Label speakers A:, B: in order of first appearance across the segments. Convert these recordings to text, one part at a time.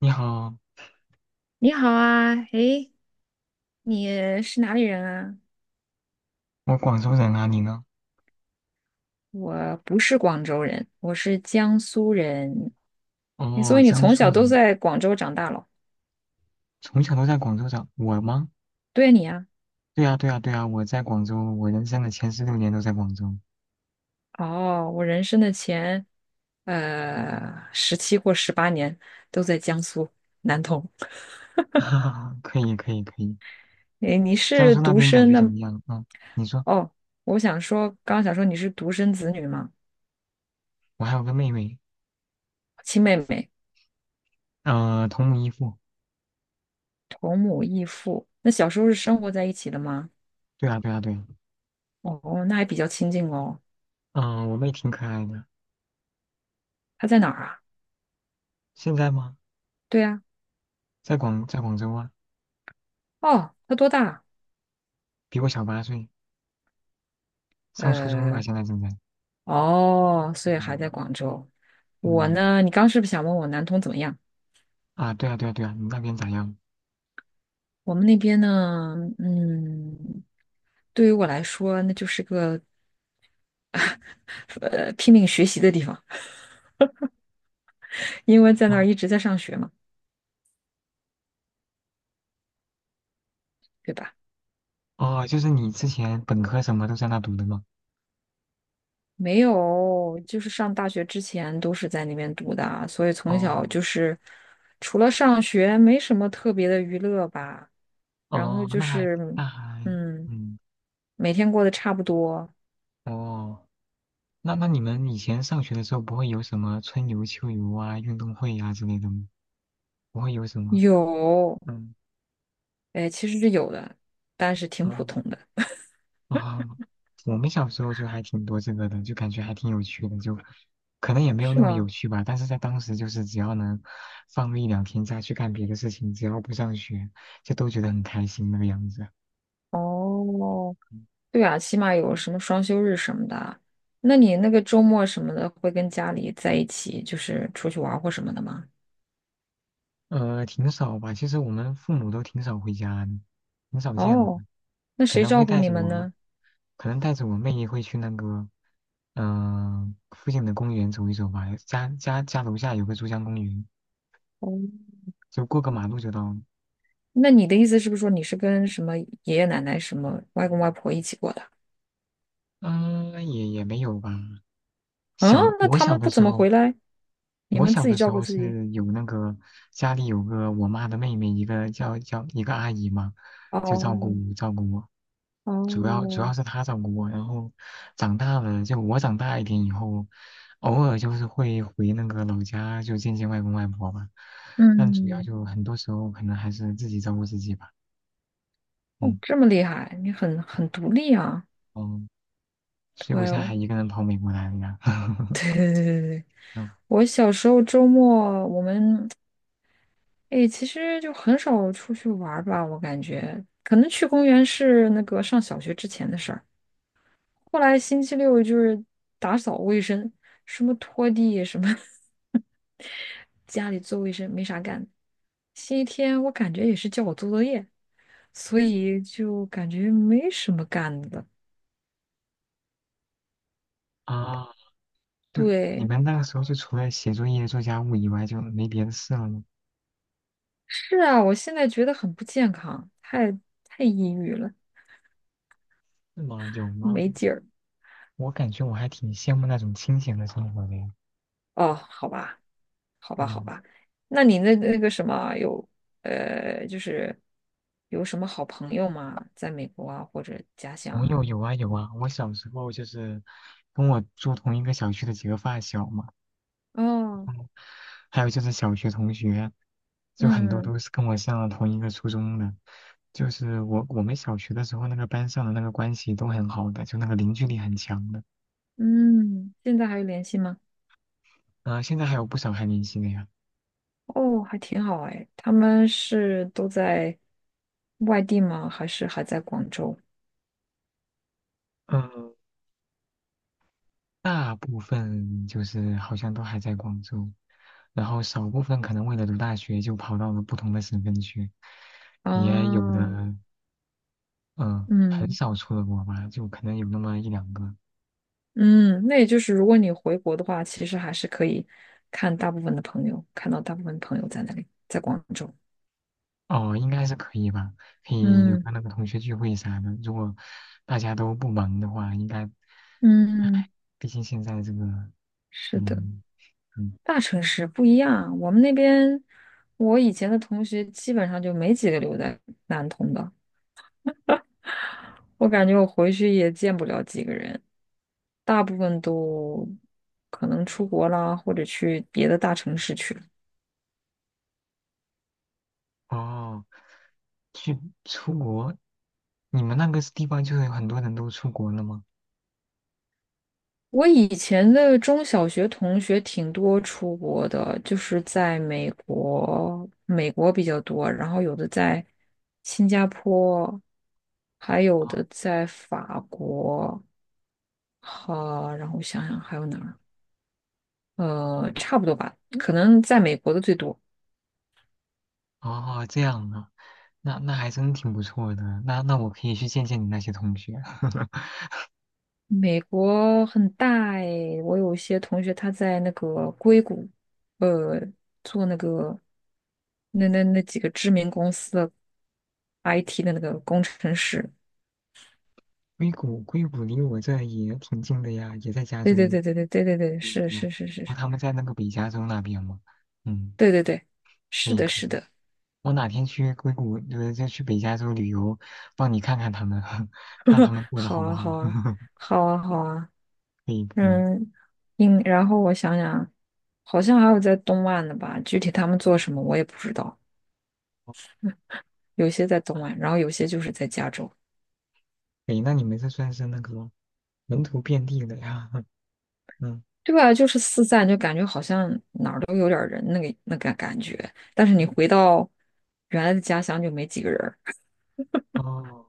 A: 你好，
B: 你好啊，诶，你是哪里人啊？
A: 我广州人啊，你呢？
B: 我不是广州人，我是江苏人。诶所
A: 哦，
B: 以你
A: 江
B: 从
A: 苏
B: 小都
A: 人，
B: 在广州长大了？
A: 从小都在广州长。我吗？
B: 对啊你啊，
A: 对呀，对呀，对呀，我在广州，我人生的前16年都在广州。
B: 哦，我人生的前十七或十八年都在江苏南通。
A: 哈哈，可以，可以，可以。
B: 诶，你
A: 江
B: 是
A: 苏那
B: 独
A: 边感
B: 生
A: 觉怎
B: 的？
A: 么样？嗯，你说，
B: 哦，我想说，刚刚想说你是独生子女吗？
A: 我还有个妹妹，
B: 亲妹妹，
A: 同母异父。
B: 同母异父。那小时候是生活在一起的吗？
A: 对啊，对啊，对啊。
B: 哦，那还比较亲近哦。
A: 嗯、我妹挺可爱的。
B: 他在哪儿啊？
A: 现在吗？
B: 对呀、
A: 在广州啊，
B: 哦，他多大啊？
A: 比我小8岁，上初中吧，
B: 呃，
A: 现在正在。
B: 哦，所以还在
A: 嗯
B: 广州。我
A: 嗯
B: 呢，你刚是不是想问我南通怎么样？
A: 啊，对啊，对啊，对啊，你那边咋样？
B: 我们那边呢，嗯，对于我来说，那就是个拼命学习的地方，因为在那儿
A: 哦
B: 一直在上学嘛，对吧？
A: 哦，就是你之前本科什么都在那读的吗？
B: 没有，就是上大学之前都是在那边读的啊，所以从小
A: 哦
B: 就是除了上学，没什么特别的娱乐吧。然后
A: 哦，
B: 就
A: 那还
B: 是，
A: 那还
B: 嗯，
A: 嗯
B: 每天过得差不多，
A: 哦，那你们以前上学的时候不会有什么春游、秋游啊、运动会啊之类的吗？不会有什么？
B: 有，
A: 嗯
B: 哎，其实是有的，但是挺普
A: 嗯
B: 通的，
A: 啊，我们小时候就还挺多这个的，就感觉还挺有趣的，就可能也没有
B: 是
A: 那么有
B: 吗？
A: 趣吧，但是在当时就是只要能放个一两天假去干别的事情，只要不上学，就都觉得很开心那个样子。
B: 哦，对啊，起码有什么双休日什么的。那你那个周末什么的，会跟家里在一起，就是出去玩儿或什么的吗？
A: 挺少吧，其实我们父母都挺少回家的，挺少见的。
B: 哦，那
A: 可
B: 谁
A: 能
B: 照
A: 会
B: 顾
A: 带
B: 你
A: 着我
B: 们
A: 们，
B: 呢？
A: 可能带着我妹也会去那个，嗯、附近的公园走一走吧。家楼下有个珠江公园，
B: 哦，
A: 就过个马路就到了。
B: 那你的意思是不是说你是跟什么爷爷奶奶、什么外公外婆一起过的？
A: 嗯、也没有吧。
B: 啊，那
A: 我
B: 他
A: 小
B: 们
A: 的
B: 不怎
A: 时
B: 么回
A: 候，
B: 来，你
A: 我
B: 们
A: 小
B: 自己
A: 的时
B: 照顾
A: 候
B: 自己。
A: 是有那个家里有个我妈的妹妹，一个叫一个阿姨嘛，就照
B: 哦
A: 顾照顾我，主要主
B: 哦，
A: 要是她照顾我。然后长大了，就我长大一点以后，偶尔就是会回那个老家，就见见外公外婆吧。但主要
B: 嗯，
A: 就很多时候可能还是自己照顾自己吧。
B: 哦，
A: 嗯
B: 这么厉害，你很独立啊。
A: 嗯，所以
B: 哇
A: 我现在还
B: 哦，
A: 一个人跑美国来了呀。
B: 对对 对对对，
A: 嗯
B: 我小时候周末我们哎，其实就很少出去玩儿吧，我感觉可能去公园是那个上小学之前的事儿，后来星期六就是打扫卫生，什么拖地什么 家里做卫生没啥干，星期天我感觉也是叫我做作业，所以就感觉没什么干的。
A: 啊，就你
B: 对，
A: 们那个时候就除了写作业、做家务以外，就没别的事了吗？
B: 是啊，我现在觉得很不健康，太抑郁了。
A: 是吗？有吗？
B: 没劲儿
A: 我感觉我还挺羡慕那种清闲的生活的呀。
B: 哦，好吧，好吧，好
A: 嗯，
B: 吧。那你那那个什么有呃，就是有什么好朋友吗？在美国啊，或者家乡
A: 朋友
B: 啊？
A: 有啊有啊，我小时候就是跟我住同一个小区的几个发小嘛，
B: 哦，
A: 还有就是小学同学，就很多
B: 嗯
A: 都是跟我上了同一个初中的。就是我们小学的时候，那个班上的那个关系都很好的，就那个凝聚力很强的。
B: 嗯，现在还有联系吗？
A: 啊、现在还有不少还联系的呀。
B: 哦，还挺好哎。他们是都在外地吗？还是还在广州？
A: 嗯，大部分就是好像都还在广州，然后少部分可能为了读大学就跑到了不同的省份去，也有
B: 啊，
A: 的，嗯，很
B: 嗯
A: 少出了国吧，就可能有那么一两个，
B: 嗯，那也就是如果你回国的话，其实还是可以看大部分的朋友，看到大部分朋友在那里，在广州。
A: 哦，应该是可以吧，可以有
B: 嗯
A: 个那个同学聚会啥的，如果大家都不忙的话，应该，唉，
B: 嗯，
A: 毕竟现在这个，
B: 是的，
A: 嗯嗯，
B: 大城市不一样啊。我们那边，我以前的同学基本上就没几个留在南通的，我感觉我回去也见不了几个人，大部分都可能出国啦，或者去别的大城市去了。
A: 哦，去出国，你们那个地方就是有很多人都出国了吗？
B: 我以前的中小学同学挺多出国的，就是在美国，美国比较多，然后有的在新加坡，还有
A: 啊。
B: 的在法国。好，然后我想想还有哪儿？呃，差不多吧，可能在美国的最多。
A: 哦，这样啊，那还真挺不错的。那我可以去见见你那些同学。
B: 美国很大诶，我有一些同学他在那个硅谷，呃，做那个那几个知名公司的 IT 的那个工程师。
A: 硅谷，硅谷离我这也挺近的呀，也在加
B: 对
A: 州。
B: 对对对对对对对，
A: 对呀
B: 是
A: 对呀，
B: 是是是
A: 哦，
B: 是，
A: 他们在那个北加州那边嘛。嗯，
B: 对对对，
A: 可
B: 是
A: 以
B: 的，
A: 可
B: 是
A: 以。
B: 的。
A: 我哪天去硅谷，就去北加州旅游，帮你看看他们，看 他们过得
B: 好
A: 好不
B: 啊，
A: 好。
B: 好啊，好啊，好啊。
A: 可以可以。
B: 嗯，应，然后我想想，好像还有在东岸的吧，具体他们做什么我也不知道。有些在东岸，然后有些就是在加州，
A: 可以，那你们这算是那个门徒遍地的呀？嗯，
B: 对吧？就是四散，就感觉好像哪儿都有点儿人，那个那个感觉。但是你回到原来的家乡就没几个人儿，
A: 哦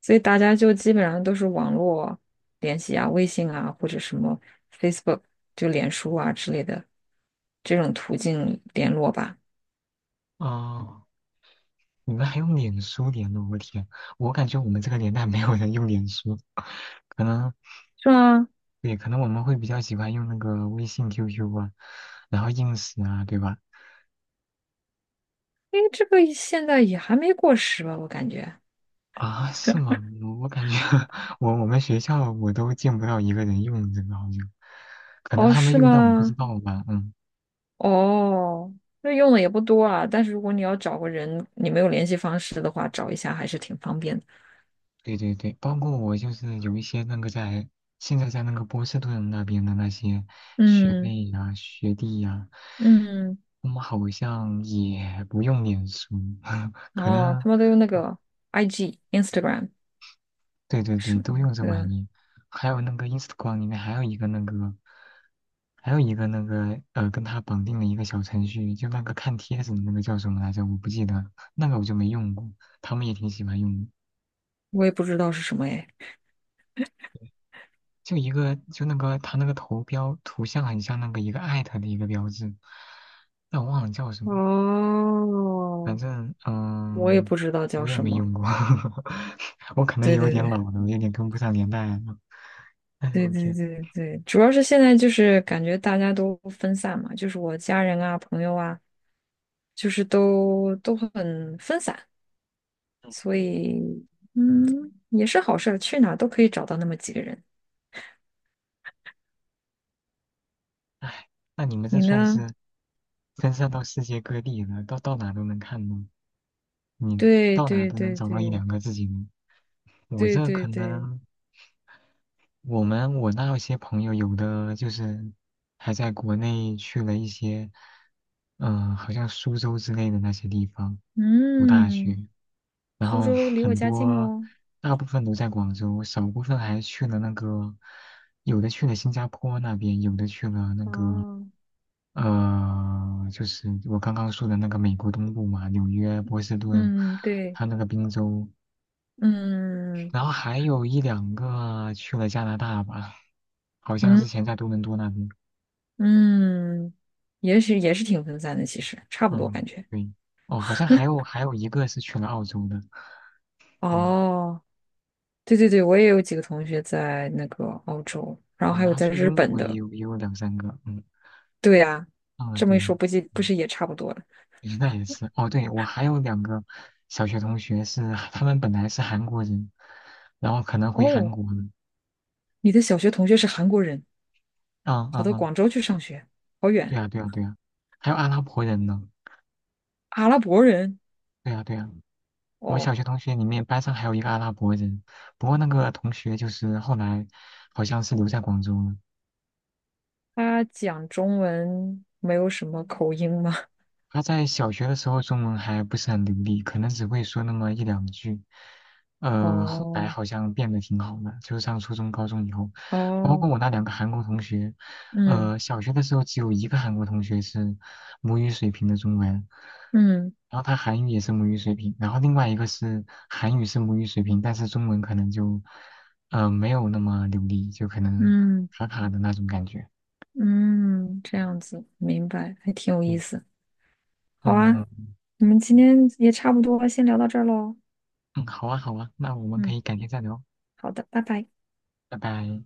B: 所以大家就基本上都是网络联系啊，微信啊，或者什么 Facebook 就脸书啊之类的这种途径联络吧，
A: 哦。你们还用脸书联络？我天，我感觉我们这个年代没有人用脸书，可能
B: 是吗？
A: 对，可能我们会比较喜欢用那个微信、QQ 啊，然后 i n 啊，对吧？
B: 因为这个现在也还没过时吧，我感觉。
A: 啊，是吗？我感觉 我们学校我都见不到一个人用这个，好像，可能
B: 哦，
A: 他们
B: 是
A: 用但我不知
B: 吗？
A: 道吧，嗯。
B: 哦，那用的也不多啊。但是如果你要找个人，你没有联系方式的话，找一下还是挺方便的。
A: 对对对，包括我就是有一些那个现在在那个波士顿那边的那些学
B: 嗯
A: 妹呀、学弟呀、
B: 嗯，
A: 他们好像也不用脸书，可
B: 哦，
A: 能
B: 他们都用那个 IG、Instagram
A: 对对对，
B: 什
A: 都
B: 么
A: 用这玩
B: 那
A: 意。还有那个 Instagram 里面还有一个那个，还有一个那个跟他绑定了一个小程序，就那个看帖子的那个叫什么来着？我不记得，那个我就没用过，他们也挺喜欢用的。
B: 我也不知道是什么哎。
A: 就一个就那个他那个头标图像很像那个一个艾特的一个标志，但我忘了叫什么，反
B: 哦，
A: 正
B: 我也
A: 嗯，
B: 不知道叫
A: 我也
B: 什
A: 没
B: 么。
A: 用过，我可能
B: 对
A: 有
B: 对
A: 点老
B: 对
A: 了，我有点跟不上年代了。哎呦
B: 对
A: 我
B: 对
A: 天，
B: 对对，主要是现在就是感觉大家都分散嘛，就是我家人啊、朋友啊，就是都很分散。所以，嗯，也是好事儿，去哪儿都可以找到那么几个人。
A: 哎，那你们这
B: 你
A: 算
B: 呢？
A: 是分散到世界各地了，到哪都能看呢？你
B: 对
A: 到哪
B: 对
A: 都能
B: 对
A: 找到一
B: 对
A: 两个自己呢？我
B: 对
A: 这
B: 对
A: 可
B: 对，
A: 能。我那些朋友有的就是还在国内去了一些，嗯、好像苏州之类的那些地方读大
B: 嗯，
A: 学，然
B: 苏
A: 后
B: 州离我
A: 很
B: 家近
A: 多
B: 哦。
A: 大部分都在广州，少部分还去了那个，有的去了新加坡那边，有的去了
B: 哦，
A: 就是我刚刚说的那个美国东部嘛，纽约、波士顿，
B: 嗯，对，
A: 还有那个滨州，
B: 嗯
A: 然后还有一两个去了加拿大吧，好像
B: 嗯
A: 之前在多伦多那边。
B: 嗯，也许也是挺分散的，其实差不多
A: 嗯，
B: 感觉。
A: 对。哦，好像还有一个是去了澳洲的。嗯，
B: 哦，对对对，我也有几个同学在那个澳洲，然后
A: 哦，
B: 还
A: 然
B: 有
A: 后
B: 在
A: 去
B: 日
A: 英
B: 本
A: 国
B: 的。
A: 也有两三个。嗯，
B: 对呀，
A: 啊，
B: 这么一
A: 对，
B: 说，不计不
A: 嗯，
B: 是也差不多了？
A: 诶，那也是。哦，对，我还有两个小学同学是他们本来是韩国人，然后可能回韩
B: 哦，
A: 国了。
B: 你的小学同学是韩国人。
A: 嗯
B: 跑
A: 嗯
B: 到
A: 嗯，
B: 广州去上学，好
A: 对
B: 远。
A: 啊对啊对啊，还有阿拉伯人呢。
B: 阿拉伯人
A: 对啊对啊。我小
B: 哦，
A: 学同学里面班上还有一个阿拉伯人，不过那个同学就是后来好像是留在广州了。
B: 他讲中文没有什么口音吗？
A: 他在小学的时候中文还不是很流利，可能只会说那么一两句。后来
B: 哦
A: 好像变得挺好的，就是上初中、高中以后，包括
B: 哦，
A: 我那两个韩国同学，
B: 嗯
A: 小学的时候只有一个韩国同学是母语水平的中文，
B: 嗯
A: 然后他韩语也是母语水平，然后另外一个是韩语是母语水平，但是中文可能就没有那么流利，就可能
B: 嗯
A: 卡卡的那种感觉。
B: 嗯，这样子，明白，还挺有意
A: 对，
B: 思。好
A: 嗯
B: 啊，
A: 嗯，
B: 我们今天也差不多，先聊到这儿喽。
A: 嗯好啊好啊，那我们可
B: 嗯，
A: 以改天再聊。
B: 好的，拜拜。
A: 拜拜。